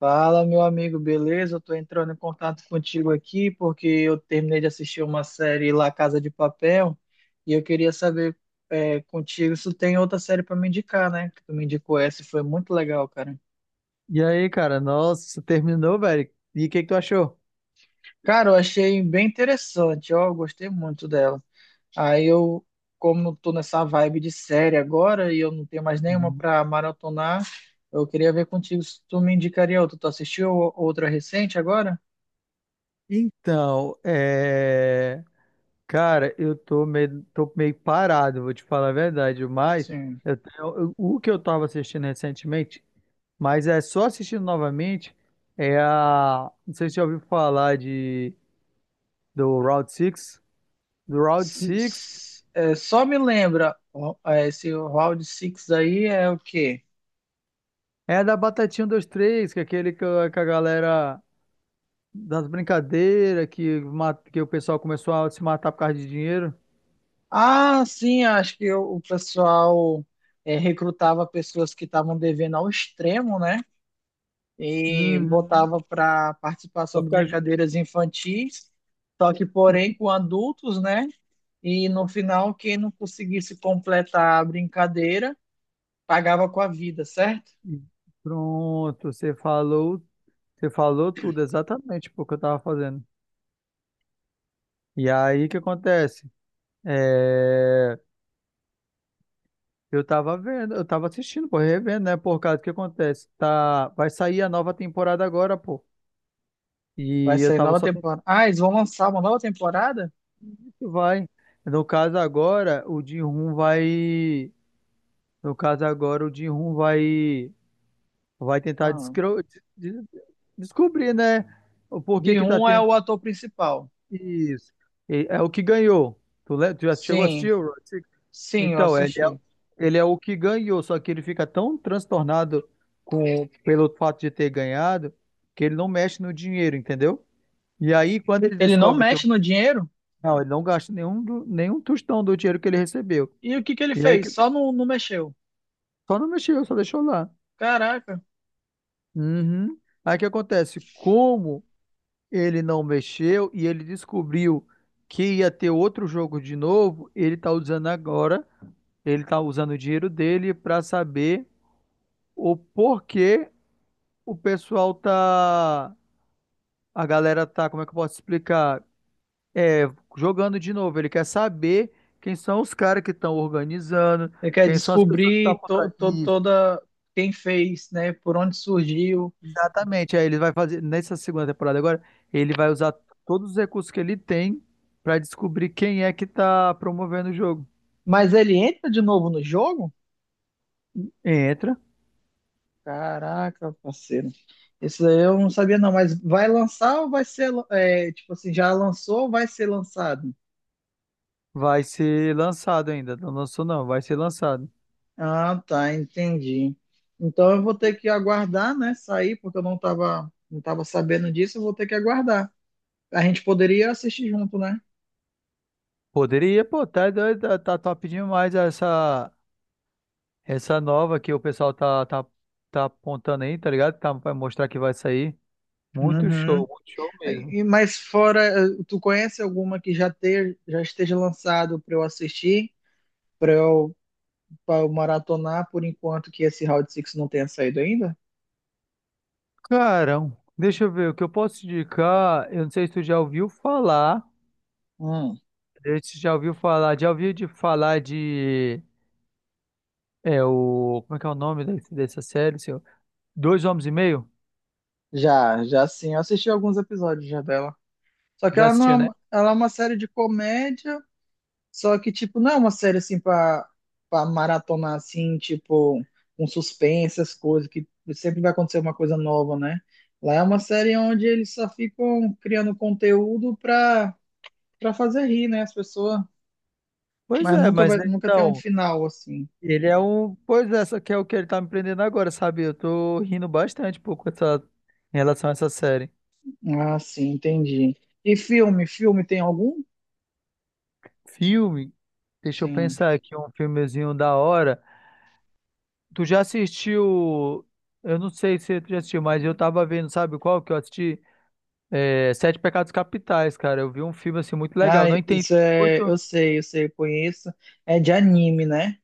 Fala, meu amigo, beleza? Eu tô entrando em contato contigo aqui porque eu terminei de assistir uma série La Casa de Papel e eu queria saber contigo se tu tem outra série para me indicar, né? Que tu me indicou essa e foi muito legal, cara. E aí, cara, nossa, terminou, velho. E o que que tu achou? Cara, eu achei bem interessante, ó, eu gostei muito dela. Aí eu, Como eu tô nessa vibe de série agora e eu não tenho mais nenhuma Uhum. para maratonar, eu queria ver contigo se tu me indicaria outra. Tu assistiu outra recente agora? Então, é... Cara, eu tô meio parado, vou te falar a verdade, mas Sim. O que eu tava assistindo recentemente, mas é só assistindo novamente, Não sei se você já ouviu falar do Route Six. Do Route S- Six s- é, só me lembra, ó, esse Round Six aí é o quê? é a da Batatinha um, dois três, que é aquele que a galera... das brincadeiras, que o pessoal começou a se matar por causa de dinheiro. Ah, sim, acho que o pessoal recrutava pessoas que estavam devendo ao extremo, né? E Uhum. botava para participar Pra sobre ficar ju- brincadeiras infantis, só que, e- porém, com adultos, né? E no final, quem não conseguisse completar a brincadeira pagava com a vida, certo? e- Pronto, você falou tudo exatamente tipo o que eu tava fazendo. E aí o que acontece? É, eu tava vendo, eu tava assistindo, pô, revendo, né? Por causa do que acontece. Tá, vai sair a nova temporada agora, pô. Vai E eu sair tava nova só tentando temporada. Ah, eles vão lançar uma nova temporada? que vai. No caso agora, o Jin-Hoon vai, no caso agora o Jin-Hoon vai vai tentar Ah. descro- de- de- descobrir, né? O porquê De que tá rum é tendo. o ator principal. Isso. E é o que ganhou. Tu já chegou a Sim, assistir o Round Six? sim, eu Então, assisti. Ele é o que ganhou, só que ele fica tão transtornado com, pelo fato de ter ganhado, que ele não mexe no dinheiro, entendeu? E aí, quando ele Ele não descobre que... mexe no dinheiro? Não, ele não gasta nenhum, nenhum tostão do dinheiro que ele recebeu. E o que que ele E aí, fez? que- Só não, não mexeu. só não mexeu, só deixou lá. Caraca. Uhum. Aí o que acontece? Como ele não mexeu, e ele descobriu que ia ter outro jogo de novo. Ele está usando agora, ele está usando o dinheiro dele para saber o porquê o pessoal tá, a galera tá, como é que eu posso explicar? É, jogando de novo. Ele quer saber quem são os caras que estão organizando, Ele quer quem são as pessoas que estão descobrir por trás. Toda quem fez, né? Por onde surgiu. Exatamente. Aí ele vai fazer, nessa segunda temporada agora, ele vai usar todos os recursos que ele tem pra descobrir quem é que tá promovendo o jogo. Mas ele entra de novo no jogo? Entra. Caraca, parceiro. Isso aí eu não sabia não, mas vai lançar ou vai ser, tipo assim, já lançou ou vai ser lançado? Vai ser lançado ainda. Não lançou, não, vai ser lançado. Ah, tá, entendi. Então eu vou ter que aguardar, né, sair, porque eu não tava sabendo disso, eu vou ter que aguardar. A gente poderia assistir junto, né? Poderia, pô, tá doido, tá top demais essa, essa nova que o pessoal tá apontando aí, tá ligado? Tá, vai mostrar que vai sair. Uhum. Muito show mesmo. Mas fora, tu conhece alguma que já esteja lançado para eu assistir, para eu, pra eu maratonar, por enquanto que esse Round Six não tenha saído ainda? Carão, deixa eu ver o que eu posso te indicar. Eu não sei se tu já ouviu falar. Hum, Você já ouviu falar, já ouviu de falar de... é o, como é que é o nome dessa série, seu? Dois Homens e Meio? já, já, sim. Eu assisti alguns episódios já dela. Só que Já ela não é, assistiu, né? Ela é uma série de comédia. Só que, tipo, não é uma série assim pra maratonar assim, tipo, um suspense, as coisas, que sempre vai acontecer uma coisa nova, né? Lá é uma série onde eles só ficam criando conteúdo pra fazer rir, né, as pessoas, Pois mas é, nunca mas vai, né, nunca tem um então, final assim. ele é um, pois é, só que é o que ele tá me prendendo agora, sabe? Eu tô rindo bastante um pouco essa em relação a essa série. Ah, sim, entendi. E filme, filme tem algum? Filme, deixa eu Sim. pensar aqui um filmezinho da hora. Tu já assistiu? Eu não sei se tu já assistiu, mas eu tava vendo, sabe qual que eu assisti? É, Sete Pecados Capitais, cara. Eu vi um filme assim muito Ah, legal. Não entendi isso é, muito. eu sei, eu sei, eu conheço. É de anime, né?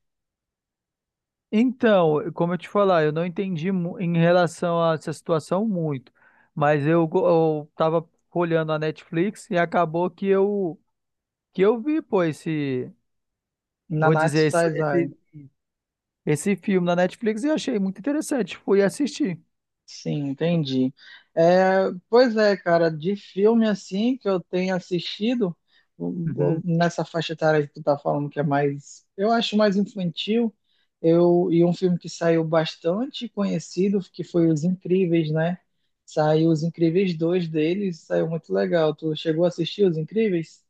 Então, como eu te falar, eu não entendi mu- em relação a essa situação muito, mas eu tava olhando a Netflix e acabou que eu vi, pô, esse, vou Nanatsu dizer, esse, Taizai. esse, esse filme na Netflix e achei muito interessante, fui assistir. Sim, entendi. É, pois é, cara, de filme assim que eu tenho assistido, Uhum. nessa faixa etária que tu tá falando que é mais, eu acho mais infantil, e um filme que saiu bastante conhecido, que foi Os Incríveis, né? Saiu Os Incríveis dois deles, saiu muito legal. Tu chegou a assistir Os Incríveis?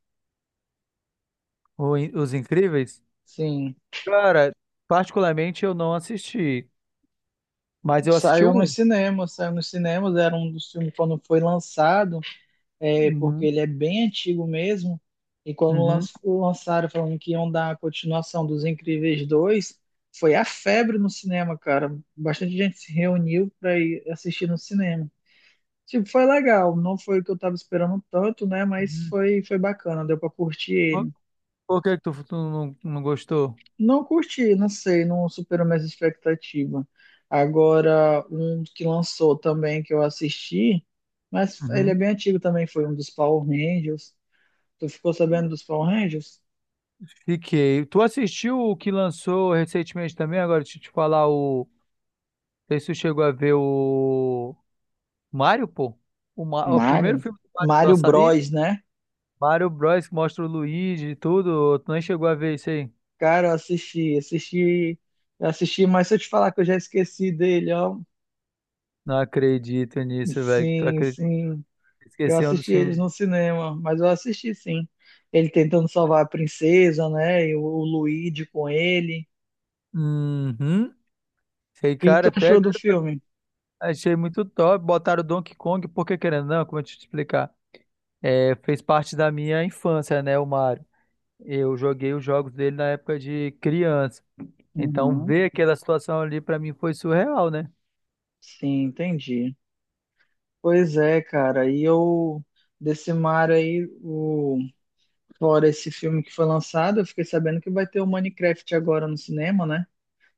Os Incríveis? Sim, Cara, particularmente eu não assisti, mas eu assisti o um. Saiu nos cinemas, era um dos filmes quando foi lançado, porque Uhum. ele é bem antigo mesmo. E quando lan- Uhum. lançaram falando que iam dar a continuação dos Incríveis 2 foi a febre no cinema, cara. Bastante gente se reuniu para ir assistir no cinema. Tipo, foi legal, não foi o que eu tava esperando tanto, né? Mas Uhum. foi bacana, deu para curtir Por, ele. por que que tu não, não gostou? Não curti, não sei, não superou minhas expectativas. Agora, um que lançou também que eu assisti, mas ele é bem antigo também, foi um dos Power Rangers. Tu ficou sabendo dos Power Rangers? Fiquei. Tu assistiu o que lançou recentemente também? Agora, deixa eu te falar o... Não sei se tu chegou a ver o... Mario, pô? O, o primeiro Mario? filme do Mario Mario lançado. Ih, Bros, né? Mario Bros. Que mostra o Luigi e tudo. Tu nem chegou a ver isso aí? Cara, eu assisti, mas se eu te falar que eu já esqueci dele, ó. Não acredito nisso, velho. Tu Sim, acredita? sim. Que Eu esqueceu um dos assisti eles filmes. no cinema, mas eu assisti sim. Ele tentando salvar a princesa, né? E o Luigi com ele. Uhum. Sei, O que cara, tu até achou do doido pra- filme? achei muito top. Botaram o Donkey Kong, porque querendo ou não, como eu te explicar? É, fez parte da minha infância, né, o Mario. Eu joguei os jogos dele na época de criança. Então, Uhum. ver aquela situação ali pra mim foi surreal, né? Sim, entendi. Pois é, cara. E eu, desse Mario aí, o. Fora esse filme que foi lançado, eu fiquei sabendo que vai ter o Minecraft agora no cinema, né?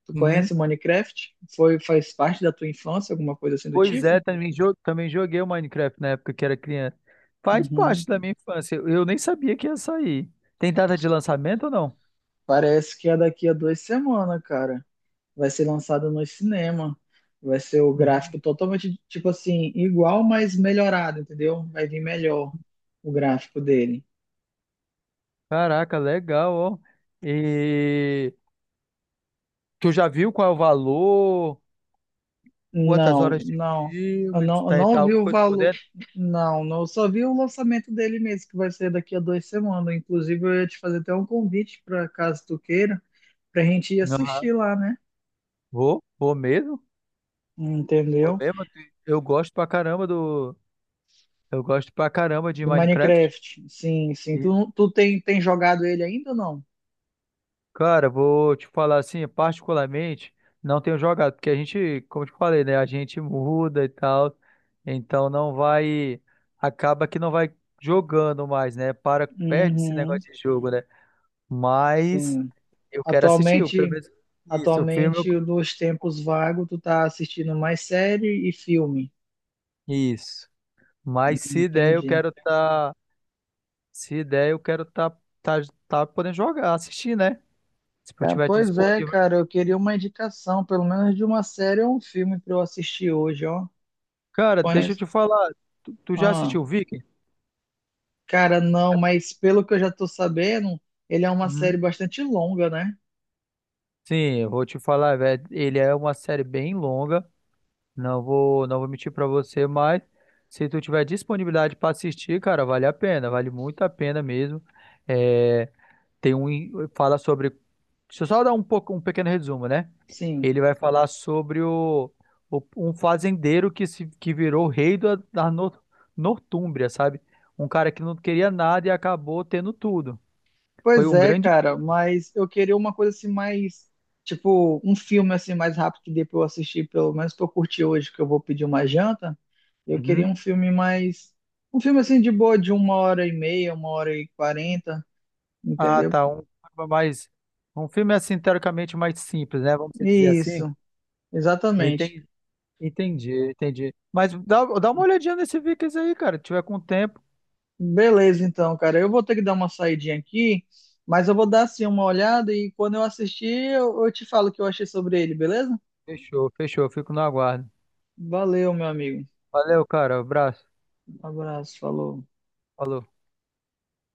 Tu Uhum. conhece o Minecraft? Foi, faz parte da tua infância, alguma coisa assim do Pois tipo? é, também, também joguei o Minecraft na época que era criança. Faz Uhum. parte da minha infância. Eu nem sabia que ia sair. Tem data de lançamento ou não? Parece que é daqui a 2 semanas, cara. Vai ser lançado no cinema. Vai ser o Uhum. gráfico totalmente, tipo assim, igual, mas melhorado, entendeu? Vai vir melhor o gráfico dele. Caraca, legal, ó. E tu já viu qual é o valor? Quantas Não, horas de não. Eu filme? Se não, eu tá e não tal, vi alguma o coisa por valor. dentro? Não, não. Eu só vi o lançamento dele mesmo, que vai ser daqui a 2 semanas. Inclusive, eu ia te fazer até um convite para caso tu queira, pra gente ir Aham. assistir lá, né? Vou, vou mesmo. Vou Entendeu? mesmo. Eu gosto pra caramba do... Eu gosto pra caramba de Do Minecraft. Minecraft. Sim, sim. Tu, não- tu tem jogado ele ainda ou não? Cara, vou te falar assim, particularmente, não tenho jogado, porque a gente, como eu te falei, né? A gente muda e tal, então não vai, acaba que não vai jogando mais, né? Para, perde esse Uhum, negócio de jogo, né? Mas sim. eu quero assistir, o pelo Atualmente, menos isso, o filme. atualmente, nos tempos vagos, tu tá assistindo mais série e filme. Isso. Mas se der, eu Entendi. quero tá, se der, eu quero tá, tá, tá podendo jogar, assistir, né? Se eu Cara, tiver pois é, disponível. cara, eu queria uma indicação, pelo menos de uma série ou um filme pra eu assistir hoje, ó. Cara, deixa eu Conheço. te falar, tu já Ah, assistiu Viking? cara, não, mas pelo que eu já tô sabendo, ele é uma série bastante longa, né? Sim, eu vou te falar, velho, ele é uma série bem longa, não vou mentir pra você, mas se tu tiver disponibilidade pra assistir, cara, vale a pena, vale muito a pena mesmo. É, tem um, fala sobre, deixa eu só dar um pouco, um pequeno resumo, né? Sim. Ele vai falar sobre um fazendeiro que se que virou rei da Nortúmbria, sabe? Um cara que não queria nada e acabou tendo tudo. Foi Pois um é, grande... cara, mas eu queria uma coisa assim mais, tipo, um filme assim mais rápido que dê pra eu assistir, pelo menos pra eu curtir hoje, que eu vou pedir uma janta. Eu queria Uhum. Um filme assim de boa, de 1 hora e meia, 1 hora e quarenta, Ah, entendeu? tá. Um filme mais... Um filme assim, teoricamente, mais simples, né? Vamos dizer assim. Isso, exatamente. Entendi, entendi, entendi. Mas dá, dá uma olhadinha nesse Vikings aí, cara. Se tiver com tempo. Beleza, então, cara. Eu vou ter que dar uma saidinha aqui, mas eu vou dar assim uma olhada e quando eu assistir, eu te falo o que eu achei sobre ele, beleza? Fechou, fechou. Fico no aguardo. Valeu, meu amigo. Valeu, cara. Abraço. Um abraço, falou. Falou.